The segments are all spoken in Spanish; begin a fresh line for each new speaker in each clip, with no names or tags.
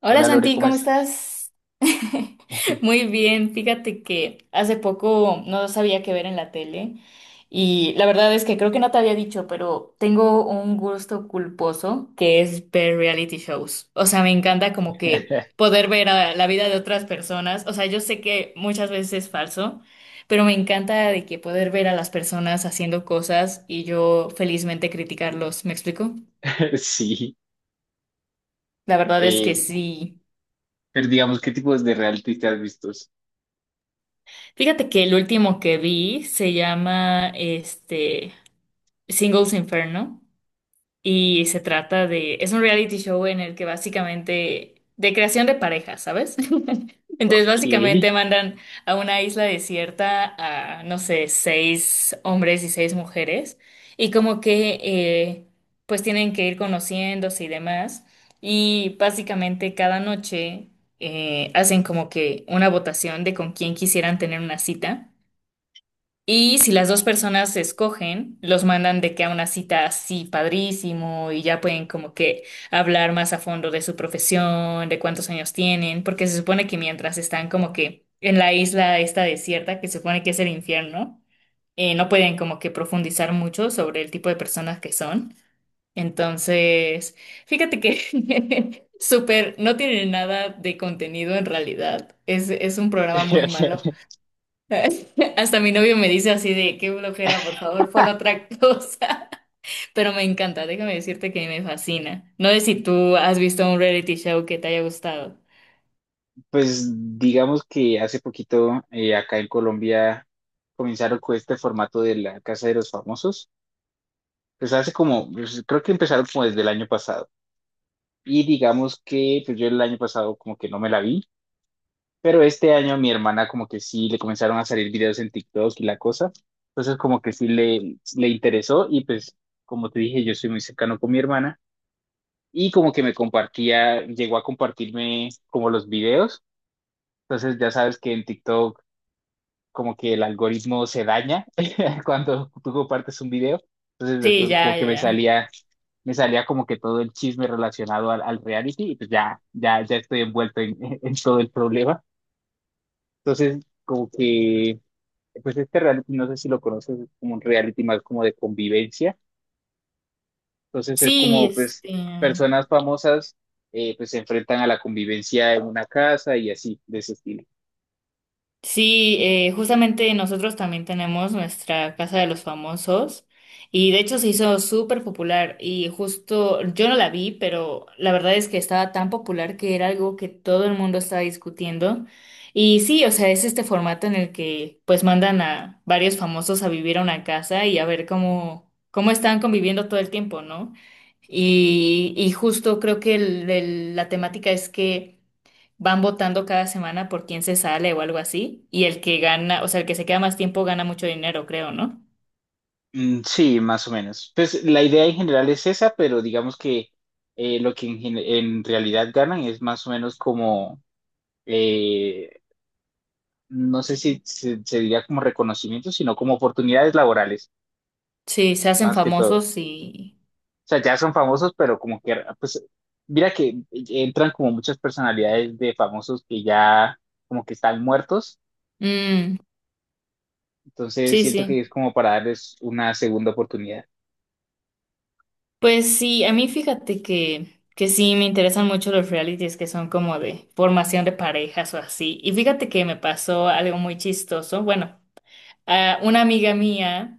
Hola
Hola Lore,
Santi,
¿cómo
¿cómo
estás?
estás? Muy bien, fíjate que hace poco no sabía qué ver en la tele y la verdad es que creo que no te había dicho, pero tengo un gusto culposo que es ver reality shows. O sea, me encanta como que poder ver a la vida de otras personas. O sea, yo sé que muchas veces es falso, pero me encanta de que poder ver a las personas haciendo cosas y yo felizmente criticarlos. ¿Me explico?
Sí,
La verdad es que
eh,
sí.
pero digamos, ¿qué tipos de reality te has visto?
Fíjate que el último que vi se llama este Singles Inferno y se trata de, es un reality show en el que básicamente de creación de parejas, ¿sabes? Entonces
Ok.
básicamente mandan a una isla desierta a, no sé, seis hombres y seis mujeres y como que pues tienen que ir conociéndose y demás y básicamente cada noche hacen como que una votación de con quién quisieran tener una cita. Y si las dos personas se escogen, los mandan de que a una cita así padrísimo y ya pueden como que hablar más a fondo de su profesión, de cuántos años tienen, porque se supone que mientras están como que en la isla esta desierta, que se supone que es el infierno, no pueden como que profundizar mucho sobre el tipo de personas que son. Entonces, fíjate que súper, no tiene nada de contenido en realidad. Es un programa muy malo. Hasta mi novio me dice así de qué flojera, por favor, pon otra cosa. Pero me encanta, déjame decirte que me fascina. No sé si tú has visto un reality show que te haya gustado.
Pues digamos que hace poquito acá en Colombia comenzaron con este formato de la Casa de los Famosos. Pues hace como, pues, creo que empezaron como desde el año pasado. Y digamos que pues yo el año pasado como que no me la vi, pero este año mi hermana como que sí le comenzaron a salir videos en TikTok y la cosa. Entonces como que sí le interesó y pues como te dije, yo soy muy cercano con mi hermana y como que me compartía, llegó a compartirme como los videos. Entonces ya sabes que en TikTok como que el algoritmo se daña cuando tú compartes un video. Entonces
Sí,
después como
ya, ya,
que
ya.
me salía como que todo el chisme relacionado al reality y pues ya, ya, ya estoy envuelto en en todo el problema. Entonces como que pues este reality, no sé si lo conoces, es como un reality más como de convivencia. Entonces es
Sí,
como pues
este.
personas famosas, pues se enfrentan a la convivencia en una casa y así, de ese estilo.
Sí, justamente nosotros también tenemos nuestra Casa de los Famosos y de hecho se hizo súper popular y justo yo no la vi, pero la verdad es que estaba tan popular que era algo que todo el mundo estaba discutiendo. Y sí, o sea, es este formato en el que pues mandan a varios famosos a vivir a una casa y a ver cómo, cómo están conviviendo todo el tiempo, ¿no? Y justo creo que la temática es que van votando cada semana por quién se sale o algo así, y el que gana, o sea, el que se queda más tiempo gana mucho dinero, creo, ¿no?
Mm, sí, más o menos. Pues la idea en general es esa, pero digamos que lo que en realidad ganan es más o menos como, eh, no sé si se diría como reconocimiento, sino como oportunidades laborales,
Sí, se hacen
más que todo.
famosos y...
O sea, ya son famosos, pero como que, pues, mira que entran como muchas personalidades de famosos que ya como que están muertos.
Mm,
Entonces
sí,
siento que
sí.
es como para darles una segunda oportunidad.
Pues sí, a mí fíjate que sí me interesan mucho los realities que son como de formación de parejas o así. Y fíjate que me pasó algo muy chistoso. Bueno, ah, una amiga mía,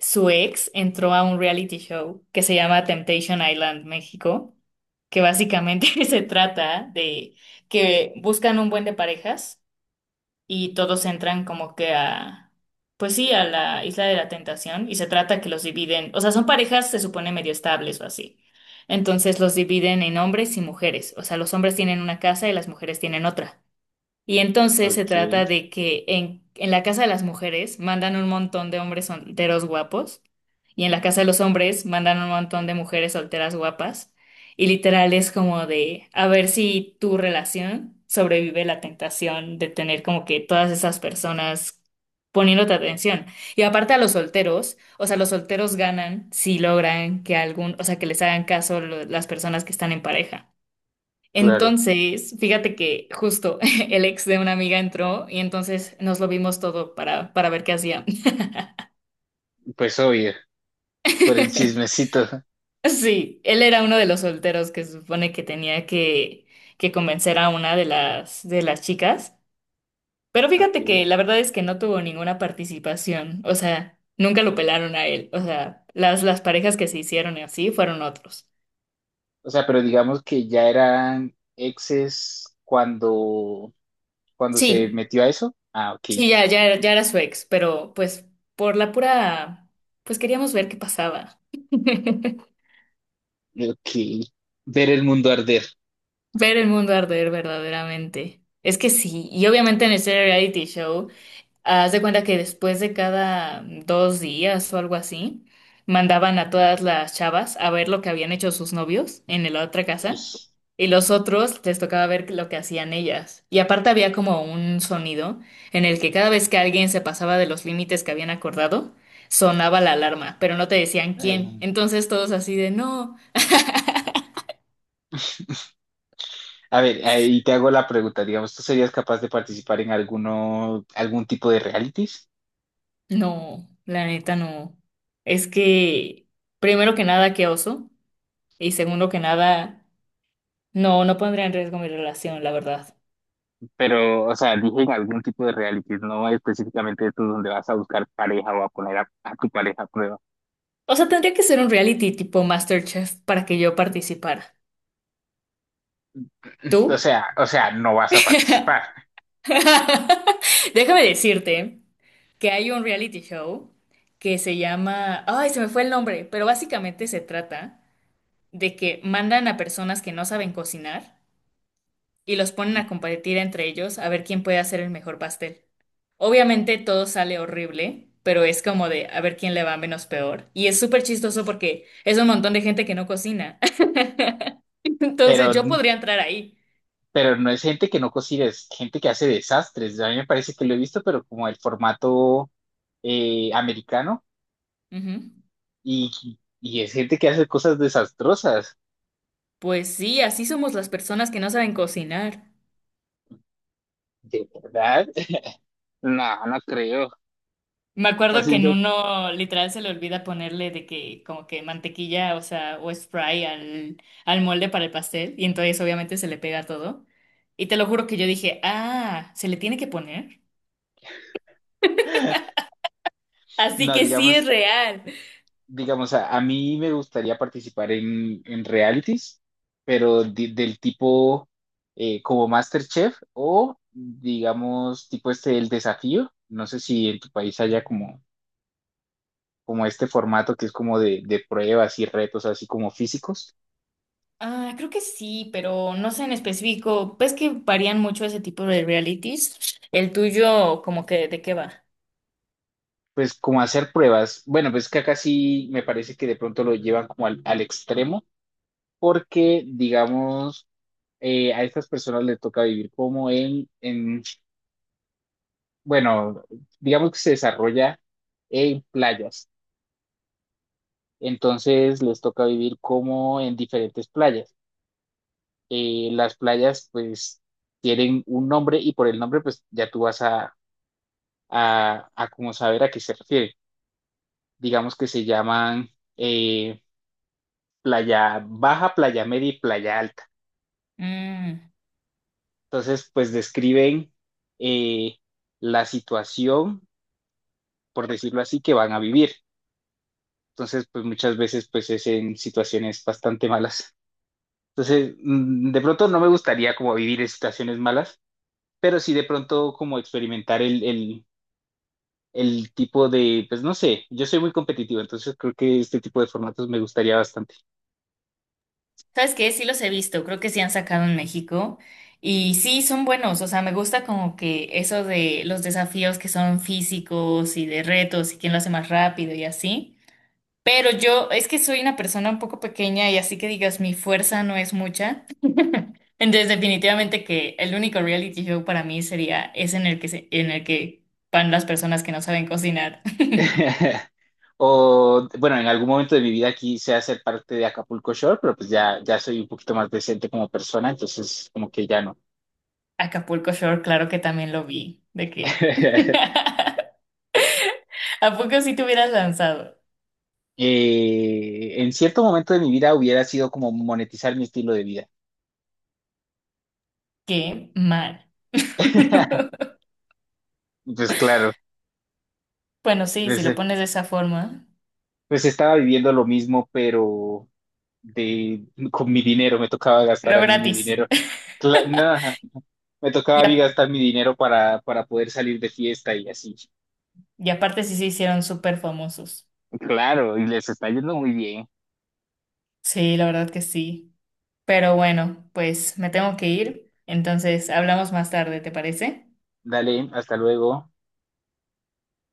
su ex, entró a un reality show que se llama Temptation Island México, que básicamente se trata de que buscan un buen de parejas y todos entran como que a, pues sí, a la isla de la tentación y se trata que los dividen, o sea, son parejas, se supone medio estables o así. Entonces los dividen en hombres y mujeres, o sea, los hombres tienen una casa y las mujeres tienen otra. Y entonces se
Ok,
trata de que en la casa de las mujeres mandan un montón de hombres solteros guapos y en la casa de los hombres mandan un montón de mujeres solteras guapas. Y literal es como de a ver si tu relación sobrevive la tentación de tener como que todas esas personas poniéndote atención. Y aparte a los solteros, o sea, los solteros ganan si logran que algún, o sea, que les hagan caso las personas que están en pareja.
claro.
Entonces, fíjate que justo el ex de una amiga entró y entonces nos lo vimos todo para ver qué hacía.
Pues obvio, por el chismecito.
Sí, él era uno de los solteros que se supone que tenía que convencer a una de de las chicas. Pero fíjate
Ok.
que la verdad es que no tuvo ninguna participación. O sea, nunca lo pelaron a él. O sea, las parejas que se hicieron y así fueron otros.
O sea, pero digamos que ya eran exes cuando se
Sí,
metió a eso. Ah, ok.
sí, ya, ya, ya era su ex, pero pues por la pura, pues queríamos ver qué pasaba.
Ok. Ver el mundo arder.
Ver el mundo arder verdaderamente. Es que sí, y obviamente en ese reality show, haz de cuenta que después de cada dos días o algo así, mandaban a todas las chavas a ver lo que habían hecho sus novios en la otra
Ay,
casa, y los otros les tocaba ver lo que hacían ellas. Y aparte había como un sonido en el que cada vez que alguien se pasaba de los límites que habían acordado, sonaba la alarma, pero no te decían quién.
ay.
Entonces todos así de no.
A ver, ahí te hago la pregunta, digamos, ¿tú serías capaz de participar en alguno, algún tipo de realities?
No, la neta no. Es que, primero que nada, qué oso. Y segundo que nada, no, no pondría en riesgo mi relación, la verdad.
Pero, o sea, dije en algún tipo de realities, no específicamente estos donde vas a buscar pareja o a poner a tu pareja a prueba.
O sea, tendría que ser un reality tipo MasterChef para que yo participara. ¿Tú?
O sea, no vas a participar,
Déjame decirte que hay un reality show que se llama... Ay, se me fue el nombre, pero básicamente se trata de que mandan a personas que no saben cocinar y los ponen a competir entre ellos a ver quién puede hacer el mejor pastel. Obviamente todo sale horrible, pero es como de a ver quién le va menos peor. Y es súper chistoso porque es un montón de gente que no cocina. Entonces
pero,
yo podría entrar ahí.
pero no es gente que no cocina, es gente que hace desastres. A mí me parece que lo he visto, pero como el formato americano
Ujú.
y, y es gente que hace cosas desastrosas,
Pues sí, así somos las personas que no saben cocinar.
¿de verdad? No, no creo.
Me acuerdo que en
Haciendo
uno literal se le olvida ponerle de que como que mantequilla, o sea, o spray al molde para el pastel y entonces obviamente se le pega todo. Y te lo juro que yo dije, ah, ¿se le tiene que poner? Así
no,
que sí es
digamos,
real.
digamos, a mí me gustaría participar en realities, pero del tipo como MasterChef o, digamos, tipo este, el desafío. No sé si en tu país haya como, como este formato que es como de pruebas y retos así como físicos.
Ah, creo que sí, pero no sé en específico. Ves que varían mucho ese tipo de realities. El tuyo, como que, ¿de qué va?
Pues como hacer pruebas. Bueno, pues que acá sí me parece que de pronto lo llevan como al extremo, porque, digamos, a estas personas les toca vivir como en bueno, digamos que se desarrolla en playas, entonces les toca vivir como en diferentes playas. Las playas pues tienen un nombre y por el nombre pues ya tú vas a, a como saber a qué se refiere. Digamos que se llaman eh, playa baja, playa media y playa alta.
Mm,
Entonces pues describen, eh, la situación, por decirlo así, que van a vivir. Entonces, pues muchas veces pues es en situaciones bastante malas. Entonces, de pronto no me gustaría como vivir en situaciones malas, pero sí de pronto como experimentar el tipo de, pues no sé, yo soy muy competitivo, entonces creo que este tipo de formatos me gustaría bastante.
¿sabes qué? Sí los he visto, creo que sí han sacado en México. Y sí, son buenos, o sea, me gusta como que eso de los desafíos que son físicos y de retos y quién lo hace más rápido y así. Pero yo, es que soy una persona un poco pequeña y así que digas, mi fuerza no es mucha. Entonces, definitivamente que el único reality show para mí sería ese en el que en el que van las personas que no saben cocinar.
O, bueno, en algún momento de mi vida quise hacer parte de Acapulco Shore, pero pues ya, ya soy un poquito más decente como persona, entonces como que ya no.
Acapulco Shore, claro que también lo vi. ¿De qué? ¿A poco si te hubieras lanzado?
En cierto momento de mi vida hubiera sido como monetizar mi estilo de vida.
Qué mal.
Pues claro,
Bueno, sí, si lo pones de esa forma,
pues estaba viviendo lo mismo, pero de, con mi dinero, me tocaba gastar
pero
a mí mi
gratis.
dinero. Nada, me tocaba a
Y,
mí
a-
gastar mi dinero para poder salir de fiesta y así.
y aparte sí se hicieron súper famosos.
Claro, y les está yendo muy bien.
Sí, la verdad que sí. Pero bueno, pues me tengo que ir. Entonces, hablamos más tarde, ¿te parece?
Dale, hasta luego.